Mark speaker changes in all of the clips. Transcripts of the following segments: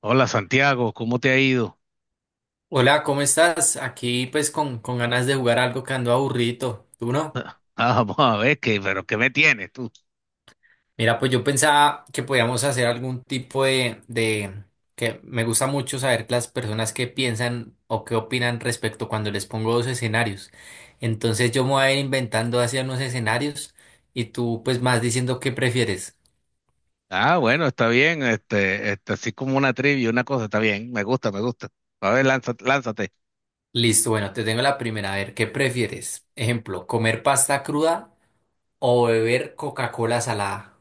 Speaker 1: Hola Santiago, ¿cómo te ha ido?
Speaker 2: Hola, ¿cómo estás? Aquí pues con ganas de jugar algo que ando aburrido. ¿Tú no?
Speaker 1: Ah, vamos a ver qué, pero ¿qué me tienes tú?
Speaker 2: Mira, pues yo pensaba que podíamos hacer algún tipo de que me gusta mucho saber las personas qué piensan o qué opinan respecto cuando les pongo dos escenarios. Entonces yo me voy a ir inventando hacia unos escenarios y tú pues más diciendo qué prefieres.
Speaker 1: Ah, bueno, está bien, así como una trivia, una cosa, está bien, me gusta. A ver, lánzate.
Speaker 2: Listo, bueno, te tengo la primera. A ver, ¿qué prefieres? Ejemplo, ¿comer pasta cruda o beber Coca-Cola salada?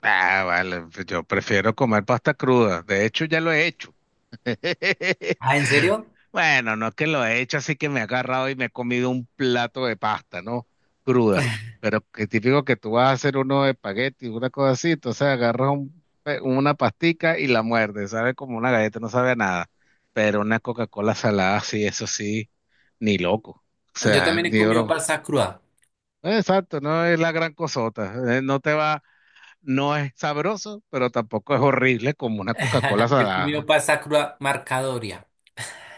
Speaker 1: Ah, vale, yo prefiero comer pasta cruda, de hecho ya lo he hecho.
Speaker 2: Ah, ¿en serio?
Speaker 1: Bueno, no es que lo he hecho así, que me he agarrado y me he comido un plato de pasta, ¿no? Cruda. Pero que típico que tú vas a hacer uno de espagueti, una cosa así, entonces agarras una pastica y la muerdes, sabe como una galleta, no sabe a nada. Pero una Coca-Cola salada, sí, eso sí, ni loco. O
Speaker 2: Yo
Speaker 1: sea,
Speaker 2: también he
Speaker 1: ni
Speaker 2: comido
Speaker 1: oro.
Speaker 2: pasta cruda.
Speaker 1: Exacto, no es la gran cosota. No te va, no es sabroso, pero tampoco es horrible como una Coca-Cola
Speaker 2: Yo he comido
Speaker 1: salada.
Speaker 2: pasta cruda marcadoria.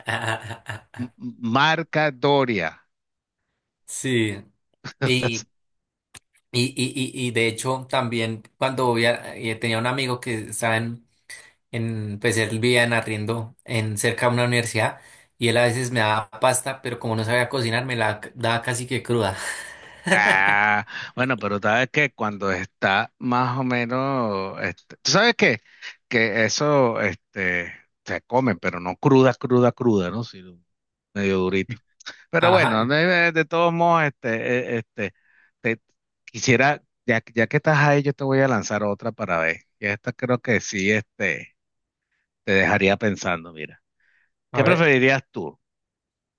Speaker 1: M- Marca Doria.
Speaker 2: Sí. Y, y de hecho, también cuando tenía un amigo que estaba pues él vivía en arriendo en cerca de una universidad y él a veces me daba pasta, pero como no sabía cocinar, me la daba casi que cruda.
Speaker 1: Ah, bueno, pero sabes que cuando está más o menos, ¿tú sabes qué? Que eso, se comen, pero no cruda, ¿no? Sino medio durito. Pero
Speaker 2: Ajá,
Speaker 1: bueno, de todos modos, te quisiera, ya, ya que estás ahí, yo te voy a lanzar otra para ver. Y esta creo que sí, te dejaría pensando, mira.
Speaker 2: a
Speaker 1: ¿Qué
Speaker 2: ver.
Speaker 1: preferirías tú?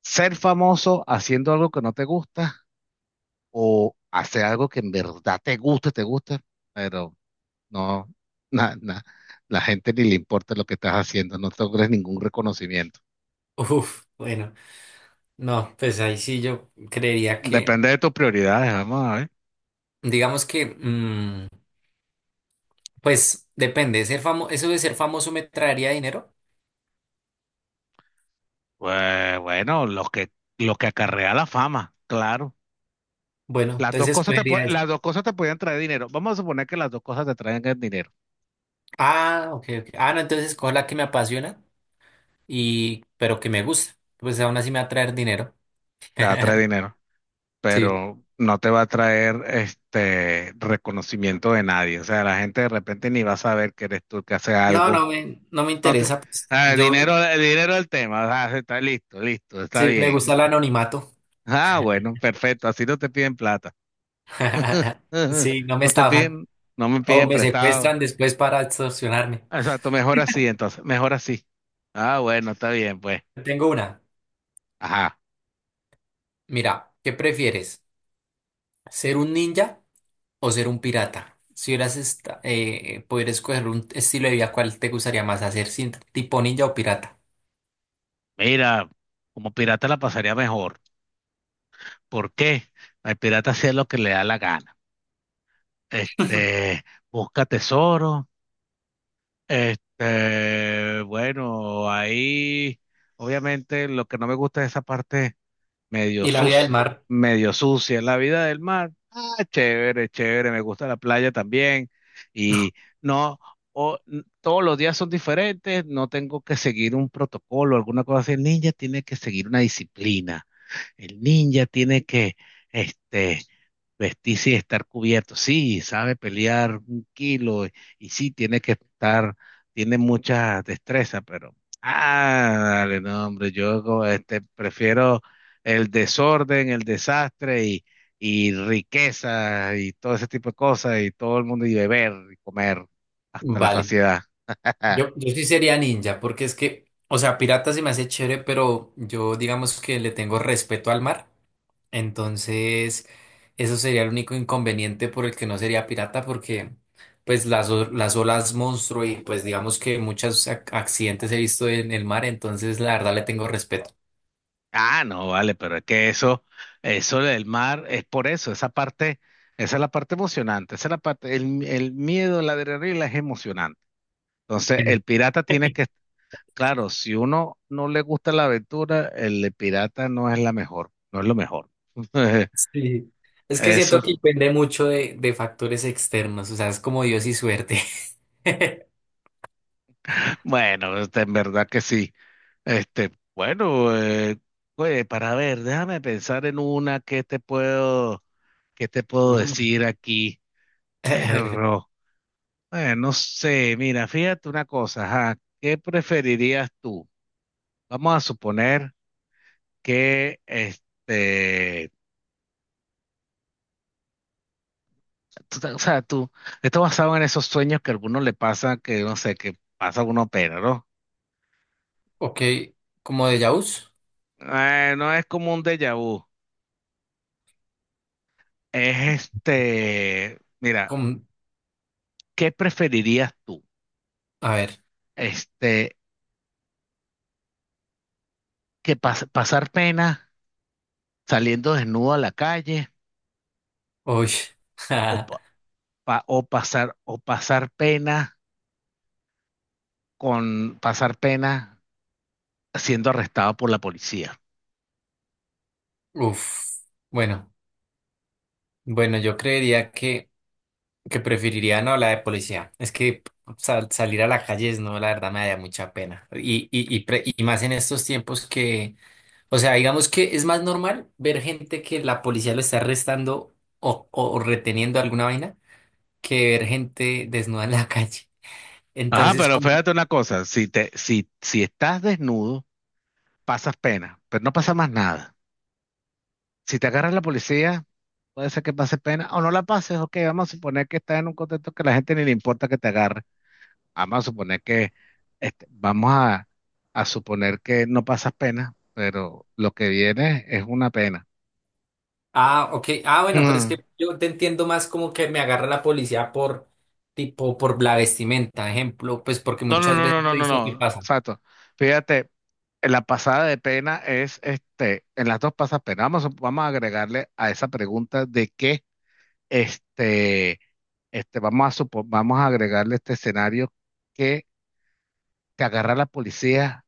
Speaker 1: ¿Ser famoso haciendo algo que no te gusta, o hacer algo que en verdad te guste, pero no, na- na- la gente ni le importa lo que estás haciendo, no te logres ningún reconocimiento?
Speaker 2: Uf, bueno, no, pues ahí sí yo
Speaker 1: Depende de tus prioridades, vamos a ver.
Speaker 2: digamos que. Pues depende, ser famoso, eso de ser famoso me traería dinero.
Speaker 1: Pues bueno, lo que acarrea la fama, claro.
Speaker 2: Bueno, entonces escogería esa.
Speaker 1: Las dos cosas te pueden traer dinero. Vamos a suponer que las dos cosas te traen el dinero.
Speaker 2: Ah, ok, ok. Ah, no, entonces escojo la que me apasiona y pero que me gusta. Pues aún así me va a traer dinero.
Speaker 1: Te va a traer dinero,
Speaker 2: Sí.
Speaker 1: pero no te va a traer este reconocimiento de nadie. O sea, la gente de repente ni va a saber que eres tú el que hace
Speaker 2: No,
Speaker 1: algo.
Speaker 2: no me, no me interesa. Pues.
Speaker 1: Ah,
Speaker 2: Yo
Speaker 1: el dinero del tema. Ah, está listo, está
Speaker 2: sí me gusta
Speaker 1: bien.
Speaker 2: el anonimato.
Speaker 1: Ah, bueno, perfecto. Así no te piden plata.
Speaker 2: Sí, no me
Speaker 1: No te
Speaker 2: estafan.
Speaker 1: piden, no me
Speaker 2: O
Speaker 1: piden
Speaker 2: me
Speaker 1: prestado.
Speaker 2: secuestran después para extorsionarme.
Speaker 1: Exacto, mejor así entonces, mejor así. Ah, bueno, está bien, pues.
Speaker 2: Tengo una.
Speaker 1: Ajá.
Speaker 2: Mira, ¿qué prefieres? ¿Ser un ninja o ser un pirata? Si poder escoger un estilo de vida, ¿cuál te gustaría más hacer? ¿Tipo ninja o pirata?
Speaker 1: Mira, como pirata la pasaría mejor. ¿Por qué? El pirata hacía lo que le da la gana. Este, busca tesoro. Bueno, ahí, obviamente, lo que no me gusta es esa parte medio
Speaker 2: Y la vida del
Speaker 1: sucio,
Speaker 2: mar,
Speaker 1: medio sucia la vida del mar. Ah, chévere, me gusta la playa también. Y no, todos los días son diferentes, no tengo que seguir un protocolo, alguna cosa así. El ninja tiene que seguir una disciplina. El ninja tiene que, este, vestirse y estar cubierto. Sí, sabe pelear un kilo y sí, tiene que estar, tiene mucha destreza, pero, ah, dale, no, hombre, yo como, prefiero el desorden, el desastre y riqueza y todo ese tipo de cosas y todo el mundo y beber y comer hasta la
Speaker 2: vale.
Speaker 1: saciedad.
Speaker 2: Yo sí sería ninja, porque es que, o sea, pirata se me hace chévere, pero yo digamos que le tengo respeto al mar. Entonces, eso sería el único inconveniente por el que no sería pirata, porque pues las olas monstruo y pues digamos que muchos accidentes he visto en el mar, entonces la verdad le tengo respeto.
Speaker 1: Ah, no, vale, pero es que eso del mar es por eso, esa es la parte emocionante, esa es el miedo, la adrenalina es emocionante. Entonces, el pirata tiene que, claro, si uno no le gusta la aventura, el pirata no es la mejor, no es lo mejor.
Speaker 2: Sí. Es que siento que
Speaker 1: Eso,
Speaker 2: depende mucho de factores externos, o sea, es como Dios y suerte.
Speaker 1: bueno, en verdad que sí. Este, bueno, eh, oye, para ver, déjame pensar en una que que te puedo
Speaker 2: Mm.
Speaker 1: decir aquí. Perro. No sé, mira, fíjate una cosa, ajá, ¿qué preferirías tú? Vamos a suponer que, o sea, tú, esto basado en esos sueños que a alguno le pasa, que no sé, que pasa uno pena, ¿no?
Speaker 2: Ok, como de Jaws.
Speaker 1: No es como un déjà vu, es mira,
Speaker 2: Com-
Speaker 1: ¿qué preferirías tú?
Speaker 2: a ver,
Speaker 1: Este, pasar pena saliendo desnudo a la calle,
Speaker 2: uy,
Speaker 1: o, pa- pa- o pasar pena con pasar pena siendo arrestado por la policía.
Speaker 2: uf, bueno, bueno, yo que preferiría no la de policía. Es que salir a la calle es no, la verdad me da mucha pena. Y más en estos tiempos que, o sea, digamos que es más normal ver gente que la policía lo está arrestando o reteniendo alguna vaina que ver gente desnuda en la calle.
Speaker 1: Ajá,
Speaker 2: Entonces,
Speaker 1: pero
Speaker 2: como,
Speaker 1: fíjate una cosa, si te, si, si estás desnudo, pasas pena, pero no pasa más nada. Si te agarra la policía, puede ser que pases pena o no la pases, ok, vamos a suponer que estás en un contexto que a la gente ni le importa que te agarre. Vamos a suponer que, este, vamos a, a suponer que no pasas pena, pero lo que viene es una pena.
Speaker 2: ah, ok, ah, bueno, pero es
Speaker 1: Mm.
Speaker 2: que yo te entiendo más como que me agarra la policía por, tipo, por la vestimenta, ejemplo, pues porque
Speaker 1: No, no,
Speaker 2: muchas
Speaker 1: no, no,
Speaker 2: veces
Speaker 1: no,
Speaker 2: he
Speaker 1: no,
Speaker 2: visto que
Speaker 1: no,
Speaker 2: pasa.
Speaker 1: exacto. Fíjate, la pasada de pena es, en las dos pasapenas, vamos, vamos a agregarle a esa pregunta de que, este, vamos a agregarle este escenario que te agarra la policía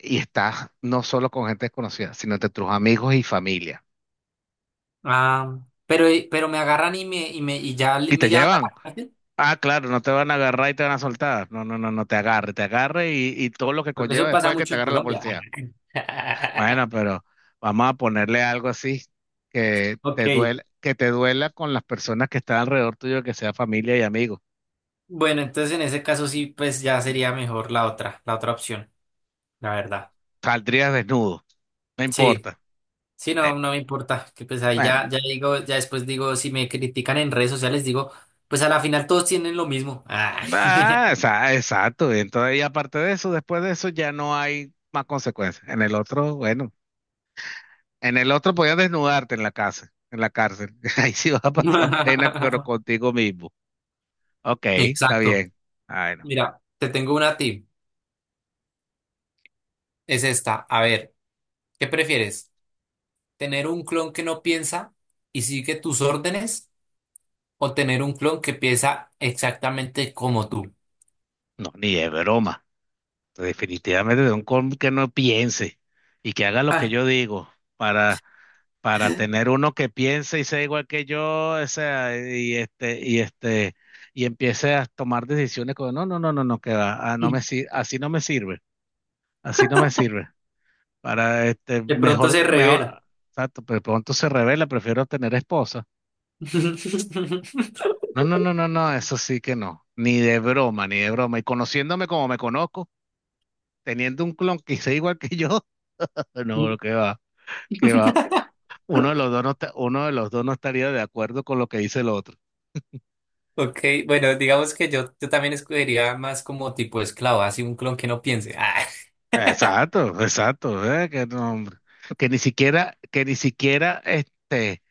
Speaker 1: y estás no solo con gente desconocida, sino entre tus amigos y familia.
Speaker 2: Ah, pero me agarran y
Speaker 1: Y
Speaker 2: me
Speaker 1: te
Speaker 2: llevan a
Speaker 1: llevan.
Speaker 2: la cárcel,
Speaker 1: Ah, claro, no te van a agarrar y te van a soltar. No, no, no, te agarre y todo lo que
Speaker 2: porque
Speaker 1: conlleva
Speaker 2: eso pasa
Speaker 1: después de que
Speaker 2: mucho
Speaker 1: te
Speaker 2: en
Speaker 1: agarre la
Speaker 2: Colombia.
Speaker 1: policía. Bueno, pero vamos a ponerle algo así
Speaker 2: Ok.
Speaker 1: que te duela con las personas que están alrededor tuyo, que sea familia y amigos.
Speaker 2: Bueno, entonces en ese caso sí, pues ya sería mejor la otra opción, la verdad.
Speaker 1: Saldrías desnudo, no
Speaker 2: Sí,
Speaker 1: importa.
Speaker 2: sí, no,
Speaker 1: Bueno,
Speaker 2: no me importa, que pues ahí ya,
Speaker 1: bueno.
Speaker 2: ya digo, ya después digo, si me critican en redes sociales, digo, pues a la final todos tienen lo mismo. Ah.
Speaker 1: Ah, exacto. Y entonces, y aparte de eso, después de eso ya no hay más consecuencias. En el otro, bueno, en el otro podías desnudarte en la casa, en la cárcel. Ahí sí vas a pasar pena, pero contigo mismo. Ok, está
Speaker 2: Exacto.
Speaker 1: bien. Ay, no,
Speaker 2: Mira, te tengo una a ti. Es esta. A ver, ¿qué prefieres? ¿Tener un clon que no piensa y sigue tus órdenes o tener un clon que piensa exactamente como tú?
Speaker 1: no, ni de broma. Definitivamente de un con que no piense y que haga lo que
Speaker 2: Ah,
Speaker 1: yo digo, para, para tener uno que piense y sea igual que yo, o sea, y empiece a tomar decisiones como, no, no, no, no, no, que va, ah, así no me sirve, así no me sirve. Para
Speaker 2: de pronto se revela.
Speaker 1: exacto, pero pronto se revela, prefiero tener esposa. No, no, no, no, no, eso sí que no, ni de broma. Y conociéndome como me conozco, teniendo un clon que sea igual que yo, no, lo que va. Que va, uno de los dos no estaría de acuerdo con lo que dice el otro.
Speaker 2: Ok, bueno, digamos que yo también escogería más como tipo esclavo, así un clon que no piense. Ah,
Speaker 1: Exacto, que no, hombre. Que ni siquiera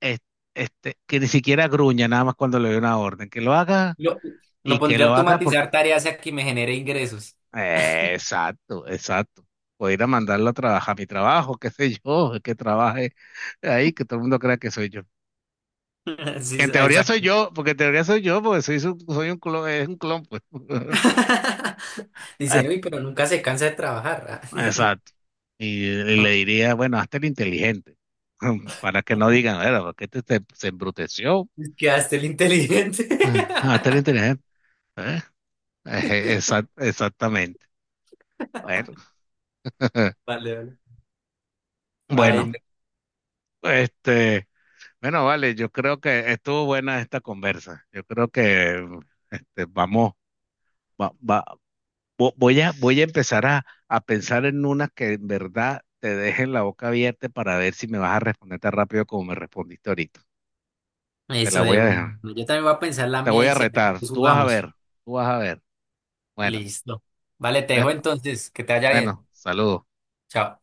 Speaker 1: es- que ni siquiera gruña nada más cuando le doy una orden, que lo haga
Speaker 2: lo, lo
Speaker 1: y que
Speaker 2: pondría a
Speaker 1: lo haga porque,
Speaker 2: automatizar tareas y a que me genere ingresos.
Speaker 1: exacto. Voy a ir a mandarlo a trabajar, a mi trabajo, qué sé yo, que trabaje ahí, que todo el mundo crea que soy yo. Que en
Speaker 2: Sí,
Speaker 1: teoría soy
Speaker 2: exacto.
Speaker 1: yo, porque en teoría soy yo, porque soy un clon, es un clon, pues.
Speaker 2: Dicen, uy, pero nunca se cansa de trabajar.
Speaker 1: Exacto. Y le
Speaker 2: Ah".
Speaker 1: diría, bueno, hazte el inteligente, para que no digan, era, porque se embruteció.
Speaker 2: Quedaste el inteligente.
Speaker 1: Ah, hazte el inteligente. ¿Eh? Eje, exactamente. Bueno,
Speaker 2: Vale, vale. Ay,
Speaker 1: bueno,
Speaker 2: no.
Speaker 1: este, bueno, vale, yo creo que estuvo buena esta conversa. Yo creo que vamos, va- va- voy a, voy a empezar a pensar en unas que en verdad te dejen la boca abierta para ver si me vas a responder tan rápido como me respondiste ahorita. Te
Speaker 2: Eso
Speaker 1: la voy
Speaker 2: de
Speaker 1: a
Speaker 2: una.
Speaker 1: dejar.
Speaker 2: Yo también voy a pensar la
Speaker 1: Te
Speaker 2: mía
Speaker 1: voy
Speaker 2: y
Speaker 1: a
Speaker 2: si algo,
Speaker 1: retar.
Speaker 2: pues
Speaker 1: Tú vas a
Speaker 2: jugamos.
Speaker 1: ver. Tú vas a ver. Bueno,
Speaker 2: Listo. Vale, te dejo
Speaker 1: bueno,
Speaker 2: entonces. Que te vaya
Speaker 1: bueno.
Speaker 2: bien.
Speaker 1: Saludos.
Speaker 2: Chao.